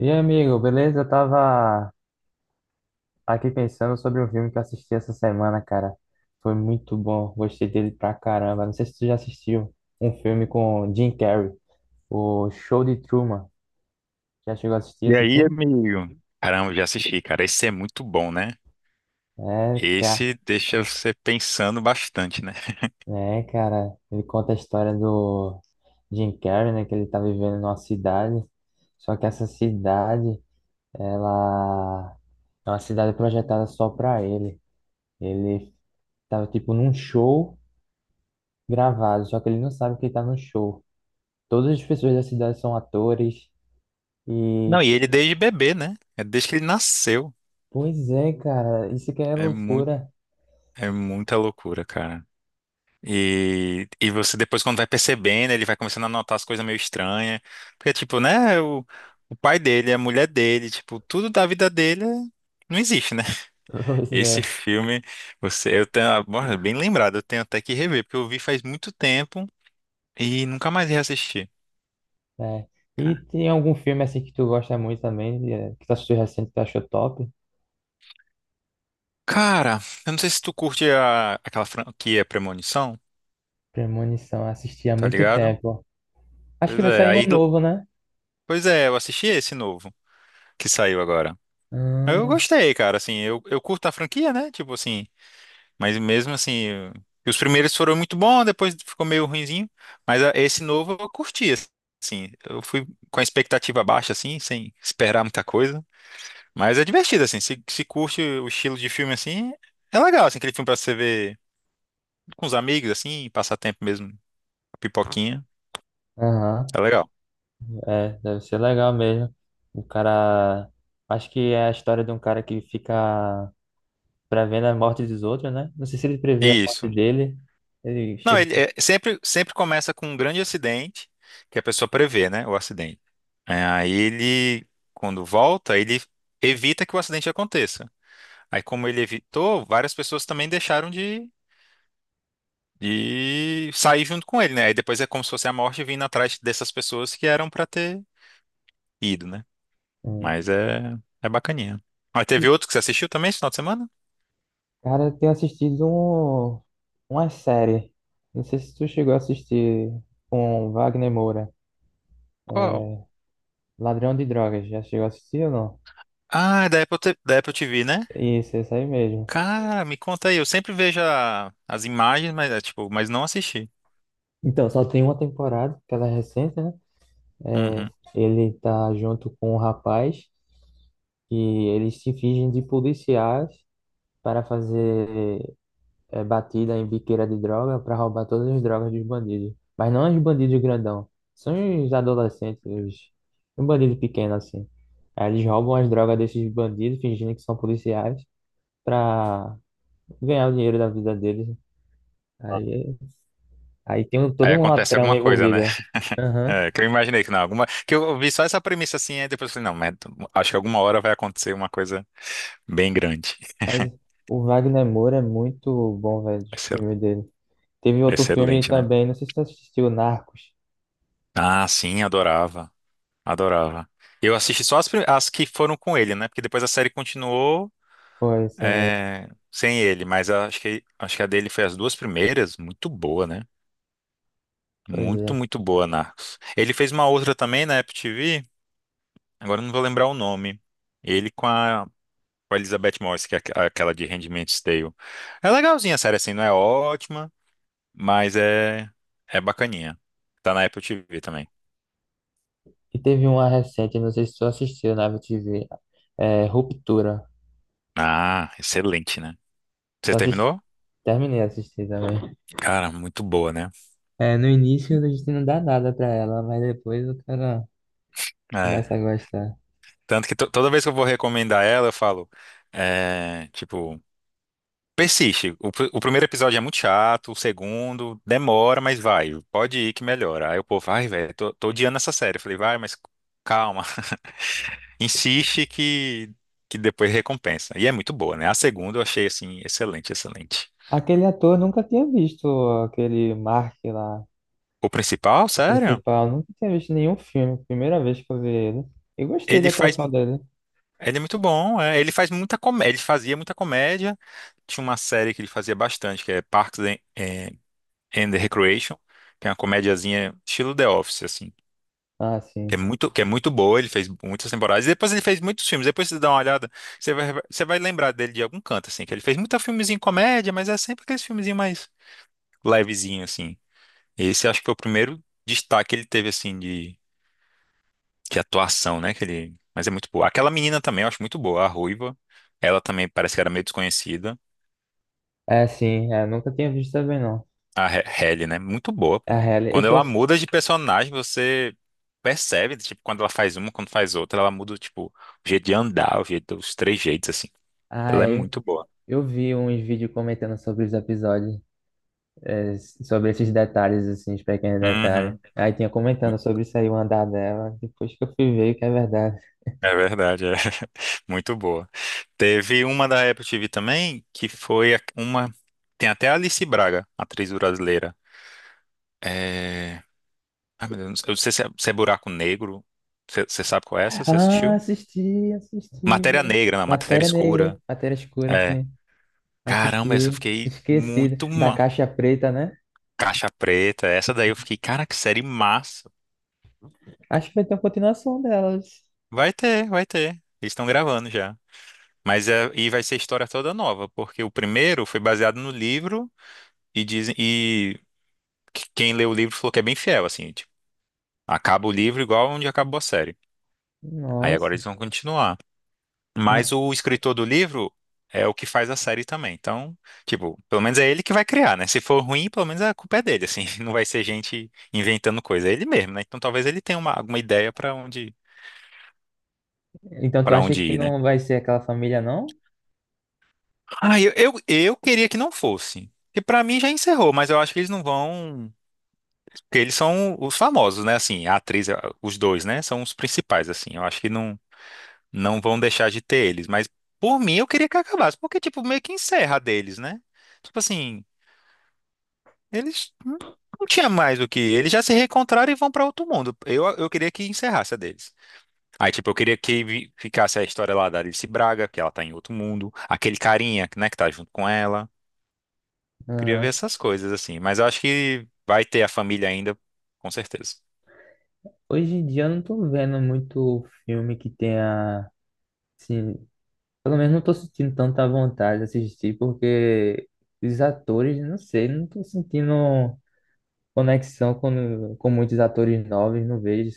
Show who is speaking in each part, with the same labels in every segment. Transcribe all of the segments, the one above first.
Speaker 1: E aí, amigo, beleza? Eu tava aqui pensando sobre um filme que eu assisti essa semana, cara. Foi muito bom, gostei dele pra caramba. Não sei se tu já assistiu um filme com Jim Carrey, o Show de Truman. Já chegou a assistir
Speaker 2: E
Speaker 1: esse
Speaker 2: aí,
Speaker 1: filme?
Speaker 2: amigo? Caramba, já assisti, cara. Esse é muito bom, né?
Speaker 1: É, cara,
Speaker 2: Esse deixa você pensando bastante, né?
Speaker 1: é, cara. Ele conta a história do Jim Carrey, né? Que ele tá vivendo numa cidade. Só que essa cidade, ela é uma cidade projetada só pra ele. Ele tava tipo num show gravado, só que ele não sabe que ele tá no show. Todas as pessoas da cidade são atores e
Speaker 2: Não, e ele desde bebê, né? É desde que ele nasceu.
Speaker 1: pois é, cara, isso que é
Speaker 2: É muito,
Speaker 1: loucura.
Speaker 2: é muita loucura, cara. E você depois, quando vai percebendo, ele vai começando a notar as coisas meio estranhas. Porque, tipo, né? O pai dele, a mulher dele, tipo, tudo da vida dele não existe, né?
Speaker 1: Pois
Speaker 2: Esse
Speaker 1: é,
Speaker 2: filme, você, eu tenho, bom, bem lembrado, eu tenho até que rever, porque eu vi faz muito tempo e nunca mais reassisti.
Speaker 1: é. E tem algum filme assim que tu gosta muito também, que tu assistiu recente que tu achou top?
Speaker 2: Cara, eu não sei se tu curte aquela franquia Premonição,
Speaker 1: Premonição, eu assisti há
Speaker 2: tá
Speaker 1: muito
Speaker 2: ligado?
Speaker 1: tempo. Acho que
Speaker 2: Pois
Speaker 1: vai
Speaker 2: é,
Speaker 1: sair um
Speaker 2: aí,
Speaker 1: novo, né?
Speaker 2: pois é, eu assisti esse novo que saiu agora. Eu
Speaker 1: Hum.
Speaker 2: gostei, cara, assim, eu curto a franquia, né? Tipo assim, mas mesmo assim, os primeiros foram muito bons, depois ficou meio ruinzinho, mas esse novo eu curti, assim, eu fui com a expectativa baixa, assim, sem esperar muita coisa, mas é divertido, assim, se curte o estilo de filme, assim, é legal, assim, aquele filme pra você ver com os amigos, assim, passar tempo mesmo, pipoquinha.
Speaker 1: Aham.
Speaker 2: É legal.
Speaker 1: É, deve ser legal mesmo. O cara, acho que é a história de um cara que fica prevendo a morte dos outros, né? Não sei se ele prevê a
Speaker 2: Isso.
Speaker 1: morte dele. Ele.
Speaker 2: Não, ele é- sempre, sempre começa com um grande acidente, que a pessoa prevê, né, o acidente. É, aí ele, quando volta, ele evita que o acidente aconteça. Aí, como ele evitou, várias pessoas também deixaram de sair junto com ele, né? Aí depois é como se fosse a morte vindo atrás dessas pessoas que eram pra ter ido, né?
Speaker 1: Hum.
Speaker 2: Mas é, é bacaninha. Aí teve
Speaker 1: E,
Speaker 2: outro que você assistiu também esse final de semana?
Speaker 1: cara, eu tenho assistido uma série. Não sei se tu chegou a assistir com Wagner Moura,
Speaker 2: Qual?
Speaker 1: Ladrão de Drogas. Já chegou a assistir ou não?
Speaker 2: Ah, é da Apple TV, né?
Speaker 1: Isso aí mesmo.
Speaker 2: Cara, me conta aí. Eu sempre vejo as imagens, mas é tipo, mas não assisti.
Speaker 1: Então, só tem uma temporada, que ela é recente, né? É,
Speaker 2: Uhum.
Speaker 1: ele tá junto com um rapaz e eles se fingem de policiais para fazer, é, batida em biqueira de droga para roubar todas as drogas dos bandidos. Mas não os bandidos grandão, são os adolescentes, os... um bandido pequeno assim. Aí eles roubam as drogas desses bandidos, fingindo que são policiais, para ganhar o dinheiro da vida deles.
Speaker 2: Ah.
Speaker 1: Aí, aí tem um-
Speaker 2: Aí
Speaker 1: toda uma
Speaker 2: acontece
Speaker 1: trama
Speaker 2: alguma coisa, né?
Speaker 1: envolvida. Aham.
Speaker 2: É, que eu imaginei que não, alguma, que eu vi só essa premissa assim, aí depois eu falei, não, mas acho que alguma hora vai acontecer uma coisa bem grande.
Speaker 1: Mas o Wagner Moura é muito bom, velho, os
Speaker 2: Vai ser
Speaker 1: filmes dele. Teve outro filme
Speaker 2: excelente, né?
Speaker 1: também, não sei se você assistiu, Narcos.
Speaker 2: Ah, sim, adorava, adorava. Eu assisti só as, as que foram com ele, né? Porque depois a série continuou
Speaker 1: Foi, assim,
Speaker 2: é, sem ele, mas acho que a dele foi as duas primeiras, muito boa, né?
Speaker 1: pois
Speaker 2: Muito,
Speaker 1: é.
Speaker 2: muito boa, Narcos. Ele fez uma outra também na Apple TV, agora eu não vou lembrar o nome. Ele com com a Elizabeth Moss, que é aquela de Handmaid's Tale. É legalzinha a série, assim, não é ótima, mas é, é bacaninha. Tá na Apple TV também.
Speaker 1: E teve uma recente, não sei se tu assistiu na TV, é, Ruptura.
Speaker 2: Ah, excelente, né? Você
Speaker 1: Tu assisti...
Speaker 2: terminou?
Speaker 1: Terminei de assistir também.
Speaker 2: Cara, muito boa, né?
Speaker 1: É, no início a gente não dá nada pra ela, mas depois o cara
Speaker 2: É.
Speaker 1: começa a gostar.
Speaker 2: Tanto que toda vez que eu vou recomendar ela, eu falo, é, tipo. Persiste. O primeiro episódio é muito chato, o segundo demora, mas vai, pode ir que melhora. Aí o povo, ai, velho, tô odiando essa série. Eu falei, vai, mas calma, insiste que depois recompensa. E é muito boa, né? A segunda eu achei, assim, excelente, excelente.
Speaker 1: Aquele ator, nunca tinha visto aquele Mark lá,
Speaker 2: O principal,
Speaker 1: o
Speaker 2: sério,
Speaker 1: principal, nunca tinha visto nenhum filme, primeira vez que eu vi ele. Eu gostei da
Speaker 2: ele faz,
Speaker 1: atuação dele.
Speaker 2: ele é muito bom, é, ele faz muita comédia, ele fazia muita comédia. Tinha uma série que ele fazia bastante, que é Parks and Recreation, que é uma comédiazinha estilo The Office, assim.
Speaker 1: Ah, sim.
Speaker 2: Que é muito boa, ele fez muitas temporadas. E depois ele fez muitos filmes. Depois você dá uma olhada, você vai lembrar dele de algum canto, assim. Que ele fez muita filmezinho comédia, mas é sempre aqueles filmezinho mais levezinho, assim. Esse acho que foi o primeiro destaque que ele teve, assim, de atuação, né? Que ele, mas é muito boa. Aquela menina também eu acho muito boa, a Ruiva. Ela também parece que era meio desconhecida.
Speaker 1: É, sim, é, nunca tinha visto também não.
Speaker 2: A Halle, né? Muito boa,
Speaker 1: É, a
Speaker 2: pô.
Speaker 1: real, eu
Speaker 2: Quando
Speaker 1: só.
Speaker 2: ela muda de personagem, você percebe, tipo, quando ela faz uma, quando faz outra, ela muda, tipo, o jeito de andar, o jeito, os três jeitos, assim.
Speaker 1: Ah,
Speaker 2: Ela é
Speaker 1: é,
Speaker 2: muito boa.
Speaker 1: eu vi uns vídeos comentando sobre os episódios, é, sobre esses detalhes, assim, os pequenos detalhes.
Speaker 2: Uhum.
Speaker 1: Aí tinha comentando sobre isso aí, o andar dela. Depois que eu fui ver que é verdade.
Speaker 2: É verdade, é muito boa. Teve uma da Apple TV também, que foi a- uma. Tem até a Alice Braga, atriz brasileira. É... Ai, meu Deus, eu não sei se é, se é Buraco Negro. Você sabe qual é essa? Você
Speaker 1: Ah,
Speaker 2: assistiu?
Speaker 1: assisti, assisti,
Speaker 2: Matéria
Speaker 1: mano.
Speaker 2: Negra, não, Matéria
Speaker 1: Matéria negra,
Speaker 2: Escura.
Speaker 1: matéria escura,
Speaker 2: É.
Speaker 1: assim.
Speaker 2: Caramba, essa eu
Speaker 1: Assisti,
Speaker 2: fiquei
Speaker 1: esqueci
Speaker 2: muito.
Speaker 1: da caixa preta, né?
Speaker 2: Caixa Preta, essa daí eu fiquei, cara, que série massa.
Speaker 1: Acho que vai ter uma continuação delas.
Speaker 2: Vai ter, vai ter. Eles estão gravando já. Mas é, e vai ser história toda nova, porque o primeiro foi baseado no livro e dizem quem leu o livro falou que é bem fiel, assim, tipo, acaba o livro igual onde acabou a série. Aí agora
Speaker 1: Nossa.
Speaker 2: eles vão continuar. Mas
Speaker 1: Ma-
Speaker 2: o escritor do livro é o que faz a série também. Então, tipo, pelo menos é ele que vai criar, né? Se for ruim, pelo menos a culpa é dele, assim, não vai ser gente inventando coisa, é ele mesmo, né? Então talvez ele tenha alguma ideia pra onde
Speaker 1: Então tu
Speaker 2: para
Speaker 1: acha
Speaker 2: onde
Speaker 1: que
Speaker 2: ir, né?
Speaker 1: não vai ser aquela família, não?
Speaker 2: Ah, eu queria que não fosse. Que pra mim já encerrou, mas eu acho que eles não vão. Porque eles são os famosos, né? Assim, a atriz, a- os dois, né? São os principais, assim. Eu acho que não, não vão deixar de ter eles. Mas, por mim, eu queria que acabasse. Porque, tipo, meio que encerra a deles, né? Tipo assim, eles não tinha mais o que. Eles já se reencontraram e vão pra outro mundo. Eu queria que encerrasse a deles. Aí, tipo, eu queria que ficasse a história lá da Alice Braga, que ela tá em outro mundo. Aquele carinha, né, que tá junto com ela. Eu queria ver
Speaker 1: Aham.
Speaker 2: essas coisas, assim. Mas eu acho que vai ter a família ainda, com certeza.
Speaker 1: Hoje em dia eu não tô vendo muito filme que tenha, assim. Pelo menos não tô sentindo tanta vontade de assistir, porque os atores, não sei, não tô sentindo conexão com muitos atores novos, não vejo.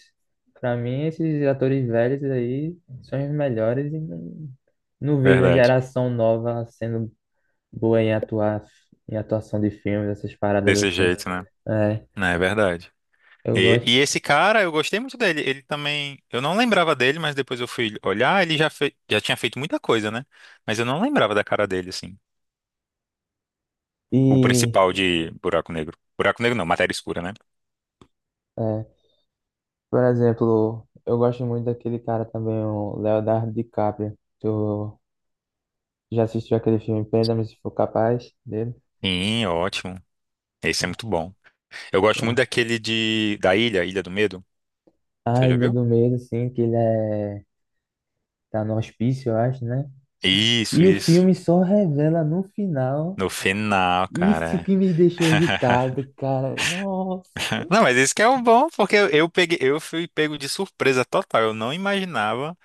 Speaker 1: Pra mim, esses atores velhos aí são os melhores e não, não vejo uma
Speaker 2: Verdade.
Speaker 1: geração nova sendo boa em atuar, em atuação de filmes, essas paradas
Speaker 2: Desse
Speaker 1: assim.
Speaker 2: jeito, né?
Speaker 1: É,
Speaker 2: Né, é verdade.
Speaker 1: eu
Speaker 2: E,
Speaker 1: gosto.
Speaker 2: e esse cara, eu gostei muito dele. Ele também. Eu não lembrava dele, mas depois eu fui olhar, ele já, já tinha feito muita coisa, né? Mas eu não lembrava da cara dele, assim. O
Speaker 1: E,
Speaker 2: principal de Buraco Negro. Buraco Negro não, Matéria Escura, né?
Speaker 1: é, por exemplo, eu gosto muito daquele cara também, o Leonardo DiCaprio. Tu já assistiu aquele filme Perdão-me se for capaz dele?
Speaker 2: Sim, ótimo. Esse é muito bom. Eu gosto muito
Speaker 1: Bom.
Speaker 2: daquele de. Da Ilha, Ilha do Medo.
Speaker 1: A
Speaker 2: Você já
Speaker 1: Ilha
Speaker 2: viu?
Speaker 1: do Medo, assim, que ele é... tá no hospício, eu acho, né?
Speaker 2: Isso,
Speaker 1: E o
Speaker 2: isso.
Speaker 1: filme só revela no final.
Speaker 2: No final,
Speaker 1: Isso
Speaker 2: cara.
Speaker 1: que me deixou irritado, cara. Nossa.
Speaker 2: Não, mas esse que é o bom, porque eu peguei, eu fui pego de surpresa total. Eu não imaginava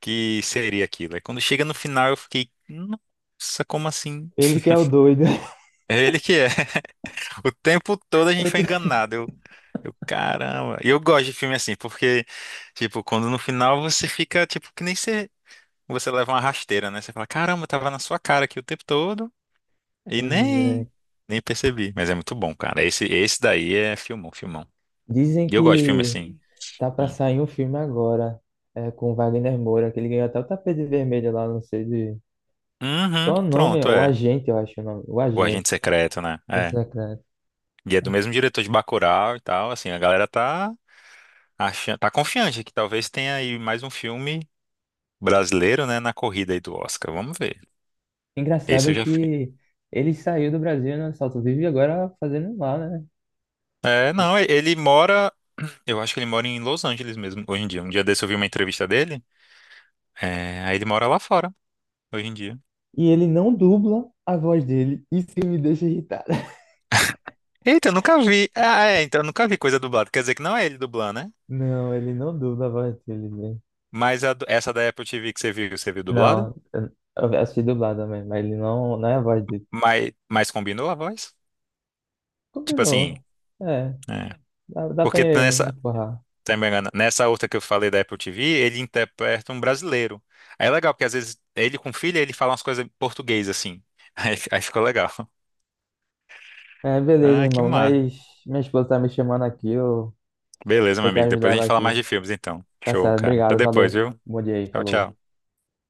Speaker 2: que seria aquilo. Aí quando chega no final, eu fiquei, nossa, como assim?
Speaker 1: Ele que é o doido.
Speaker 2: É ele que é. O tempo todo a gente
Speaker 1: Eu
Speaker 2: foi
Speaker 1: tô-
Speaker 2: enganado. Eu, caramba. E eu gosto de filme assim, porque, tipo, quando no final você fica, tipo, que nem você, você leva uma rasteira, né? Você fala, caramba, tava na sua cara aqui o tempo todo e
Speaker 1: Pois é.
Speaker 2: nem percebi. Mas é muito bom, cara. Esse daí é filmão, filmão.
Speaker 1: Dizem
Speaker 2: E eu gosto de filme
Speaker 1: que
Speaker 2: assim.
Speaker 1: tá pra
Speaker 2: Hum.
Speaker 1: sair um filme agora, é, com o Wagner Moura, que ele ganhou até o tapete vermelho lá, não sei de...
Speaker 2: Uhum,
Speaker 1: Qual é o nome?
Speaker 2: pronto,
Speaker 1: O
Speaker 2: é.
Speaker 1: Agente, eu acho o nome. O
Speaker 2: O
Speaker 1: Agente.
Speaker 2: Agente Secreto, né? É.
Speaker 1: Esse é claro.
Speaker 2: E é do mesmo diretor de Bacurau e tal, assim, a galera tá. Acha- tá confiante que talvez tenha aí mais um filme brasileiro, né, na corrida aí do Oscar. Vamos ver. Esse eu
Speaker 1: Engraçado
Speaker 2: já fiquei.
Speaker 1: que ele saiu do Brasil, né? Só vive agora fazendo lá, né?
Speaker 2: É, não, e-
Speaker 1: Oxe.
Speaker 2: ele mora. Eu acho que ele mora em Los Angeles mesmo, hoje em dia. Um dia desse eu vi uma entrevista dele. É, aí ele mora lá fora, hoje em dia.
Speaker 1: E ele não dubla a voz dele. Isso que me deixa irritada.
Speaker 2: Eita, eu nunca vi. Ah, é, então eu nunca vi coisa dublada. Quer dizer que não é ele dublando, né?
Speaker 1: Não, ele não dubla a voz dele, velho.
Speaker 2: Mas a do- essa da Apple TV que você viu dublada?
Speaker 1: Não, eu assisti dublado também, mas ele não, não é a voz dele.
Speaker 2: Mas combinou a voz? Tipo assim.
Speaker 1: Combinou. É,
Speaker 2: É.
Speaker 1: dá pra
Speaker 2: Porque nessa,
Speaker 1: empurrar.
Speaker 2: se eu não me engano, nessa outra que eu falei da Apple TV, ele interpreta um brasileiro. Aí é legal, porque às vezes ele com filha, ele fala umas coisas em português, assim. Aí, aí ficou legal.
Speaker 1: É, beleza,
Speaker 2: Ah, que
Speaker 1: irmão,
Speaker 2: massa.
Speaker 1: mas minha esposa tá me chamando aqui, eu vou
Speaker 2: Beleza, meu
Speaker 1: ter que
Speaker 2: amigo.
Speaker 1: ajudar
Speaker 2: Depois a
Speaker 1: ela
Speaker 2: gente fala mais de
Speaker 1: aqui.
Speaker 2: filmes, então.
Speaker 1: Tá
Speaker 2: Show,
Speaker 1: certo,
Speaker 2: cara. Até
Speaker 1: obrigado,
Speaker 2: depois,
Speaker 1: valeu.
Speaker 2: viu?
Speaker 1: Bom dia aí,
Speaker 2: Tchau,
Speaker 1: falou.
Speaker 2: tchau.